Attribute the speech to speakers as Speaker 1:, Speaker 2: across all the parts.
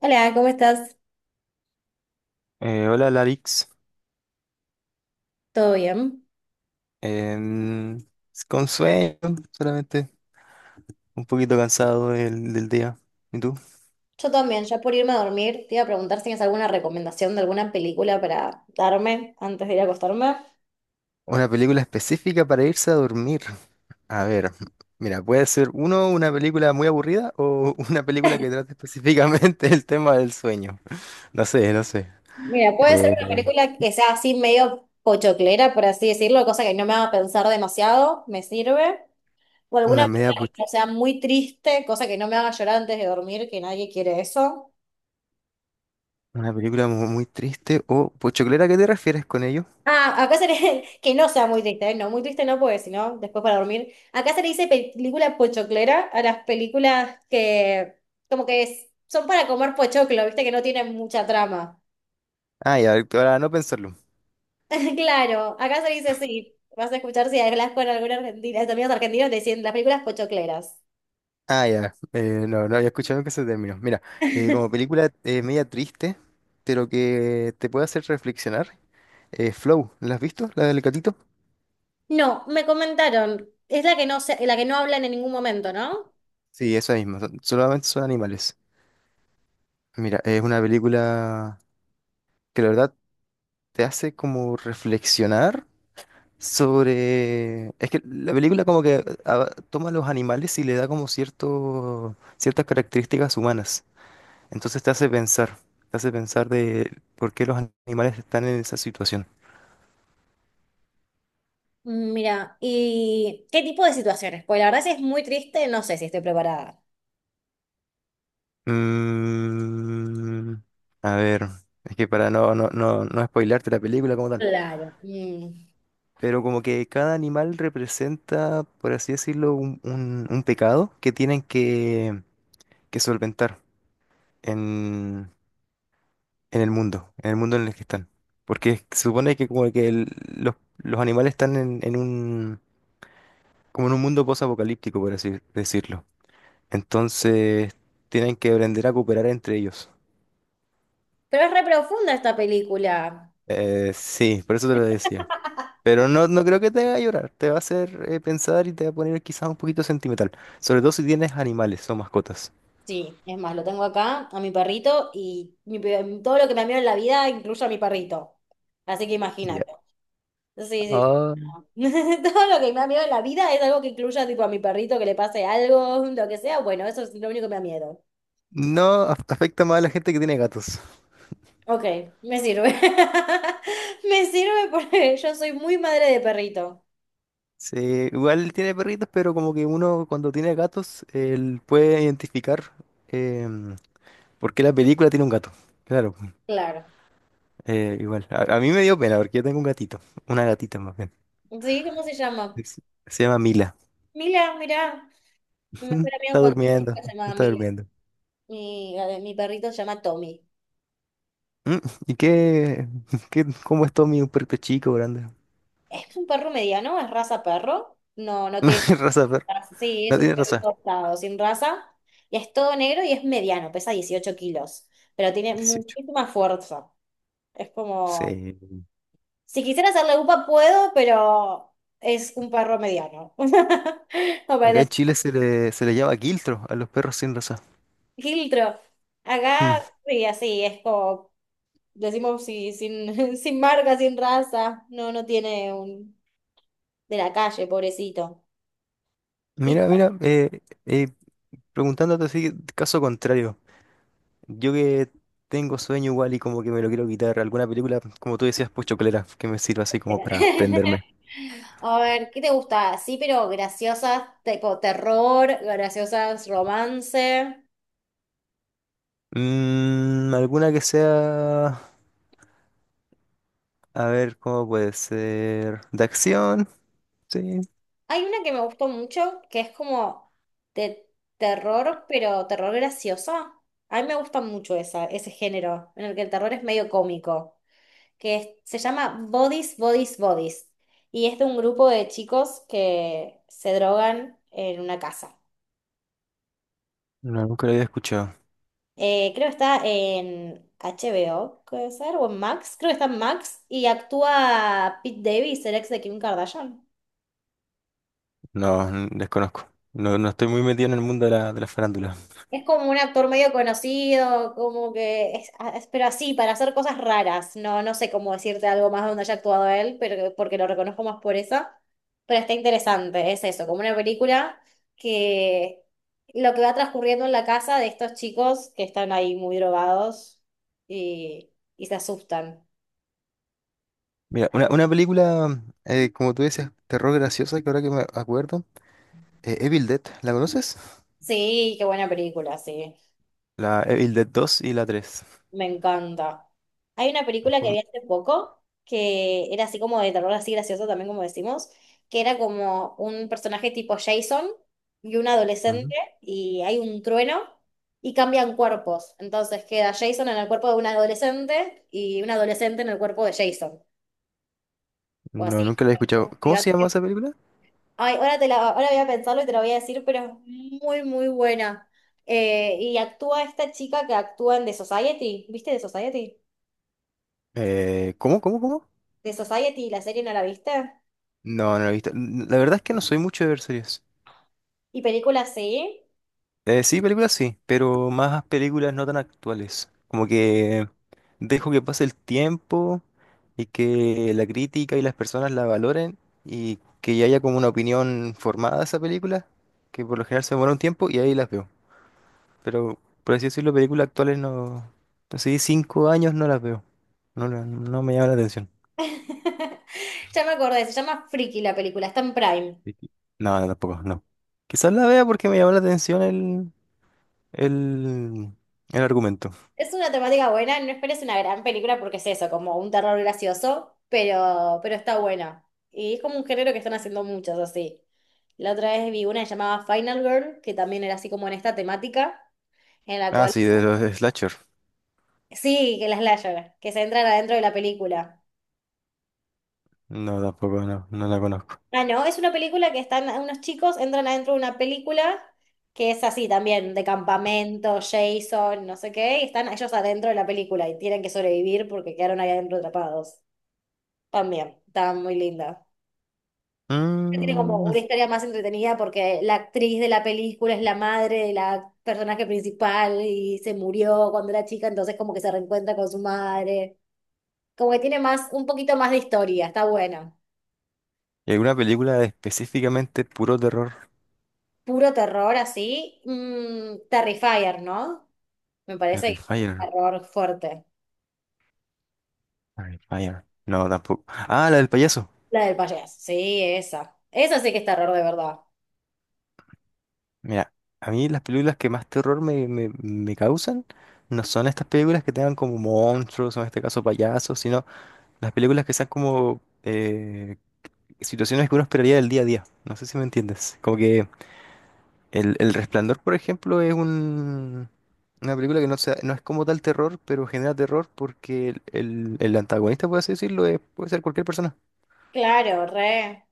Speaker 1: Hola, ¿cómo estás?
Speaker 2: Hola Larix.
Speaker 1: ¿Todo bien?
Speaker 2: Em, con sueño solamente, un poquito cansado del día. ¿Y tú?
Speaker 1: Yo también, ya por irme a dormir, te iba a preguntar si tienes alguna recomendación de alguna película para darme antes de ir a acostarme.
Speaker 2: Una película específica para irse a dormir. A ver, mira, puede ser una película muy aburrida o una película que trate específicamente el tema del sueño. No sé, no sé.
Speaker 1: Mira, puede ser
Speaker 2: Eh,
Speaker 1: una película que sea así medio pochoclera, por así decirlo, cosa que no me haga pensar demasiado, me sirve. O alguna
Speaker 2: una media,
Speaker 1: película
Speaker 2: pu-
Speaker 1: que no sea muy triste, cosa que no me haga llorar antes de dormir, que nadie quiere eso.
Speaker 2: una película muy triste o pochoclera, ¿a qué te refieres con ello?
Speaker 1: Que no sea muy triste, ¿eh? No, muy triste no, porque si no, después para dormir. Acá se le dice película pochoclera a las películas que como que son para comer pochoclo, viste que no tienen mucha trama.
Speaker 2: Ah, ya, para no pensarlo.
Speaker 1: Claro, acá se le dice así. Vas a escuchar si hablas con alguna argentina, amigos argentinos te dicen las películas pochocleras.
Speaker 2: Ah, ya. No, no había escuchado que ese término. Mira, como película media triste, pero que te puede hacer reflexionar. Flow, ¿la has visto? ¿La del gatito?
Speaker 1: No, me comentaron. Es la que la que no hablan en ningún momento, ¿no?
Speaker 2: Sí, esa misma. Solamente son animales. Mira, es una película que la verdad te hace como reflexionar sobre. Es que la película como que toma a los animales y le da como ciertas características humanas. Entonces te hace pensar de por qué los animales están en esa situación.
Speaker 1: Mira, ¿y qué tipo de situaciones? Pues la verdad, si es muy triste, no sé si estoy preparada.
Speaker 2: Mm, a ver, es que para no spoilearte la película como tal,
Speaker 1: Claro. Mm.
Speaker 2: pero como que cada animal representa, por así decirlo, un pecado que tienen que solventar en, en el mundo, en el mundo en el que están. Porque se supone que como que los animales están en un, como en un mundo posapocalíptico, por así decirlo. Entonces tienen que aprender a cooperar entre ellos.
Speaker 1: Pero es re profunda esta película.
Speaker 2: Sí, por eso te lo decía. Pero no, no creo que te haga llorar, te va a hacer pensar y te va a poner quizás un poquito sentimental. Sobre todo si tienes animales o mascotas.
Speaker 1: Sí, es más, lo tengo acá a mi perrito y todo lo que me miedo en la vida incluye a mi perrito. Así que
Speaker 2: Ya.
Speaker 1: imagínate. Sí, sí,
Speaker 2: Ah.
Speaker 1: sí. Todo lo que me da miedo en la vida es algo que incluya tipo a mi perrito que le pase algo, lo que sea. Bueno, eso es lo único que me da miedo.
Speaker 2: No af- Afecta más a la gente que tiene gatos.
Speaker 1: Ok, me sirve. Me sirve porque yo soy muy madre de perrito.
Speaker 2: Sí, igual tiene perritos, pero como que uno cuando tiene gatos, él puede identificar em, por qué la película tiene un gato. Claro, pues,
Speaker 1: Claro.
Speaker 2: igual. A mí me dio pena porque yo tengo un gatito, una gatita más bien.
Speaker 1: Sí, ¿cómo se llama?
Speaker 2: Es- Se llama Mila.
Speaker 1: Mila, mirá. Me suena
Speaker 2: Está
Speaker 1: bien cuando
Speaker 2: durmiendo,
Speaker 1: se llama
Speaker 2: está
Speaker 1: Mila.
Speaker 2: durmiendo.
Speaker 1: Mi perrito se llama Tommy.
Speaker 2: Mm, ¿Y cómo es todo mi perrito chico, grande?
Speaker 1: Es un perro mediano, es raza perro. No, no tiene
Speaker 2: Raza de perro.
Speaker 1: raza. Sí, es
Speaker 2: No
Speaker 1: un
Speaker 2: tiene
Speaker 1: perro
Speaker 2: raza.
Speaker 1: cortado, sin raza. Y es todo negro y es mediano, pesa 18 kilos. Pero tiene
Speaker 2: 18.
Speaker 1: muchísima fuerza. Es como.
Speaker 2: Sí.
Speaker 1: Si quisiera hacerle upa, puedo, pero es un perro mediano. No
Speaker 2: Acá en
Speaker 1: parece
Speaker 2: Chile se le llama quiltro a los perros sin raza.
Speaker 1: filtro.
Speaker 2: Mm.
Speaker 1: Acá, sí, así, es como decimos sin, sin marca, sin raza. No, no tiene un... De la calle, pobrecito. Y...
Speaker 2: Mira, mira, preguntándote así, caso contrario. Yo que tengo sueño igual y como que me lo quiero quitar. ¿Alguna película, como tú decías, pues chocolera, que me sirva así como para prenderme?
Speaker 1: A ver, ¿qué te gusta? Sí, pero graciosas, tipo terror, graciosas, romance.
Speaker 2: Alguna que sea, a ver, ¿cómo puede ser? ¿De acción? Sí.
Speaker 1: Hay una que me gustó mucho, que es como de terror, pero terror graciosa. A mí me gusta mucho esa, ese género, en el que el terror es medio cómico. Se llama Bodies, Bodies, Bodies. Y es de un grupo de chicos que se drogan en una casa.
Speaker 2: No, nunca lo había escuchado.
Speaker 1: Creo que está en HBO, puede ser, o en Max. Creo que está en Max y actúa Pete Davis, el ex de Kim Kardashian.
Speaker 2: No, desconozco. No, no estoy muy metido en el mundo de la farándula.
Speaker 1: Es como un actor medio conocido, como que pero así, para hacer cosas raras. No, no sé cómo decirte algo más donde haya actuado él, pero porque lo reconozco más por eso. Pero está interesante, es eso, como una película que lo que va transcurriendo en la casa de estos chicos que están ahí muy drogados y, y se asustan.
Speaker 2: Mira, una película, como tú dices, terror graciosa, que ahora que me acuerdo, Evil Dead, ¿la conoces?
Speaker 1: Sí, qué buena película, sí.
Speaker 2: La Evil Dead 2 y la 3.
Speaker 1: Me encanta. Hay una
Speaker 2: Es
Speaker 1: película que vi
Speaker 2: como.
Speaker 1: hace poco que era así como de terror, así gracioso también, como decimos, que era como un personaje tipo Jason y un
Speaker 2: Ujú.
Speaker 1: adolescente y hay un trueno y cambian cuerpos. Entonces queda Jason en el cuerpo de un adolescente y un adolescente en el cuerpo de Jason. O
Speaker 2: No,
Speaker 1: así.
Speaker 2: nunca la he escuchado.
Speaker 1: Un
Speaker 2: ¿Cómo se llama
Speaker 1: gigante.
Speaker 2: esa película?
Speaker 1: Ay, ahora voy a pensarlo y te lo voy a decir, pero es muy, muy buena. Y actúa esta chica que actúa en The Society. ¿Viste The Society?
Speaker 2: ¿Cómo, cómo, cómo?
Speaker 1: De Society, la serie no la viste.
Speaker 2: No, no la he visto. La verdad es que no soy mucho de ver series.
Speaker 1: Y película sí.
Speaker 2: Sí, películas sí, pero más películas no tan actuales. Como que dejo que pase el tiempo y que la crítica y las personas la valoren y que ya haya como una opinión formada de esa película, que por lo general se demora un tiempo y ahí las veo. Pero por así decirlo, películas actuales no. Así 5 años no las veo. No, no me llama la atención.
Speaker 1: Ya me acordé, se llama Freaky la película, está en Prime.
Speaker 2: Y qui-. No, no, tampoco, no. Quizás la vea porque me llama la atención el, el argumento.
Speaker 1: Es una temática buena, no esperes una gran película porque es eso, como un terror gracioso, pero está buena. Y es como un género que están haciendo muchos así. La otra vez vi una llamada Final Girl, que también era así como en esta temática, en la
Speaker 2: Ah,
Speaker 1: cual...
Speaker 2: sí, de los slasher.
Speaker 1: Sí, que la slasher, que se entran adentro de la película.
Speaker 2: No, tampoco, no, no la conozco.
Speaker 1: Ah, no, es una película que están unos chicos, entran adentro de una película que es así también, de campamento, Jason, no sé qué, y están ellos adentro de la película y tienen que sobrevivir porque quedaron ahí adentro atrapados. También, está muy linda. Tiene como
Speaker 2: Mm,
Speaker 1: una historia más entretenida porque la actriz de la película es la madre de la personaje principal y se murió cuando era chica, entonces como que se reencuentra con su madre. Como que tiene más, un poquito más de historia, está buena.
Speaker 2: ¿Y alguna película específicamente puro terror?
Speaker 1: Puro terror así, Terrifier, ¿no? Me parece que es un
Speaker 2: Terrifier.
Speaker 1: error fuerte.
Speaker 2: Terrifier. No, tampoco. Ah, la del payaso.
Speaker 1: La del payaso. Sí, esa. Esa sí que es terror de verdad.
Speaker 2: Mira, a mí las películas que más terror me causan no son estas películas que tengan como monstruos, o en este caso payasos, sino las películas que sean como situaciones que uno esperaría del día a día. No sé si me entiendes. Como que El Resplandor, por ejemplo, es una película que no es como tal terror, pero genera terror porque el antagonista, por así decirlo, puede ser cualquier persona.
Speaker 1: Claro, re.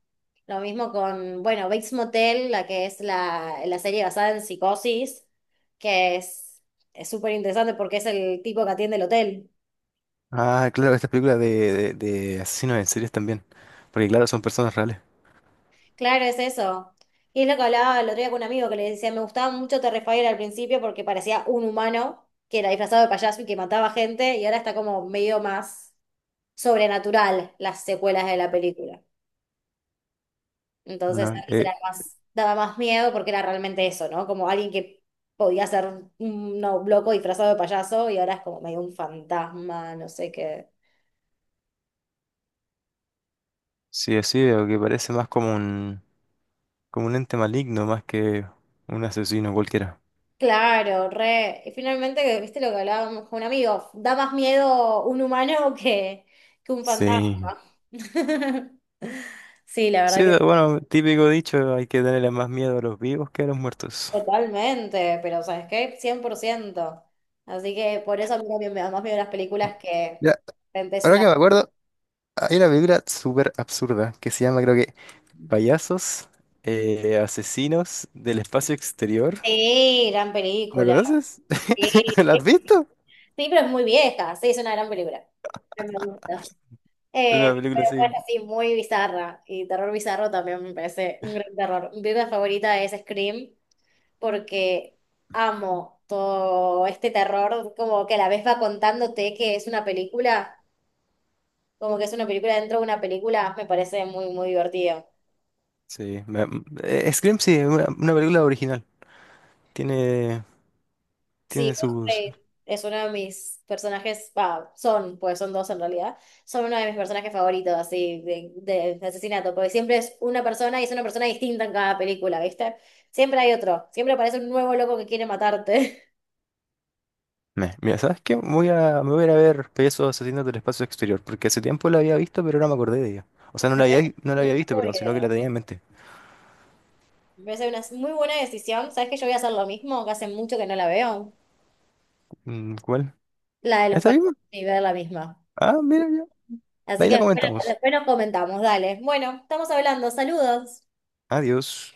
Speaker 1: Lo mismo con, bueno, Bates Motel, la que es la serie basada en Psicosis, que es súper interesante porque es el tipo que atiende el hotel.
Speaker 2: Ah, claro, estas películas de asesinos en series también. Porque claro, son personas reales.
Speaker 1: Claro, es eso. Y es lo que hablaba el otro día con un amigo que le decía, me gustaba mucho Terrifier al principio porque parecía un humano que era disfrazado de payaso y que mataba gente y ahora está como medio más sobrenatural las secuelas de la película. Entonces
Speaker 2: No,
Speaker 1: antes era más, daba más miedo porque era realmente eso, ¿no? Como alguien que podía ser un no, loco disfrazado de payaso y ahora es como medio un fantasma, no sé qué.
Speaker 2: sí, así veo que parece más como como un ente maligno, más que un asesino cualquiera.
Speaker 1: Claro, re. Y finalmente, ¿viste lo que hablábamos con un amigo? Da más miedo un humano que un
Speaker 2: Sí.
Speaker 1: fantasma. Sí, la verdad
Speaker 2: Sí,
Speaker 1: que
Speaker 2: bueno, típico dicho, hay que tenerle más miedo a los vivos que a los muertos.
Speaker 1: totalmente, pero ¿sabes qué? 100%. Así que por eso a mí también me da más miedo las películas que de
Speaker 2: Ya,
Speaker 1: repente es
Speaker 2: ahora
Speaker 1: una...
Speaker 2: que me acuerdo, hay una película súper absurda que se llama, creo que, Payasos Asesinos del Espacio Exterior.
Speaker 1: Sí, gran
Speaker 2: ¿La
Speaker 1: película.
Speaker 2: conoces?
Speaker 1: Sí.
Speaker 2: ¿La has visto?
Speaker 1: Sí, pero es muy vieja. Sí, es una gran película. Pero me gusta. Eh,
Speaker 2: Una película
Speaker 1: pero
Speaker 2: así.
Speaker 1: bueno, sí, muy bizarra. Y terror bizarro también me parece un gran terror. Mi película favorita es Scream porque amo todo este terror. Como que a la vez va contándote que es una película, como que es una película dentro de una película, me parece muy, muy divertido.
Speaker 2: Sí. Scream, sí, es una película original. Tiene,
Speaker 1: Sí,
Speaker 2: Tiene sus.
Speaker 1: Ghostface es uno de mis personajes, va, son, pues son dos en realidad, son uno de mis personajes favoritos, así, de asesinato, porque siempre es una persona y es una persona distinta en cada película, ¿viste? Siempre hay otro, siempre aparece un nuevo loco que quiere matarte.
Speaker 2: Mira, ¿sabes qué? Me voy a ir a ver Payasos Asesinos del Espacio Exterior, porque hace tiempo la había visto, pero no me acordé de ella. O sea,
Speaker 1: Me parece
Speaker 2: no la
Speaker 1: una
Speaker 2: había visto,
Speaker 1: muy buena
Speaker 2: perdón, sino que
Speaker 1: idea.
Speaker 2: la tenía en mente.
Speaker 1: Me parece una muy buena decisión. ¿Sabes que yo voy a hacer lo mismo? Que hace mucho que no la veo.
Speaker 2: ¿Cuál?
Speaker 1: La de los
Speaker 2: ¿Esta
Speaker 1: países
Speaker 2: misma?
Speaker 1: y ver la misma.
Speaker 2: Ah, mira ya. De
Speaker 1: Así
Speaker 2: ahí
Speaker 1: que
Speaker 2: la
Speaker 1: después
Speaker 2: comentamos.
Speaker 1: después nos comentamos, dale. Bueno, estamos hablando, saludos.
Speaker 2: Adiós.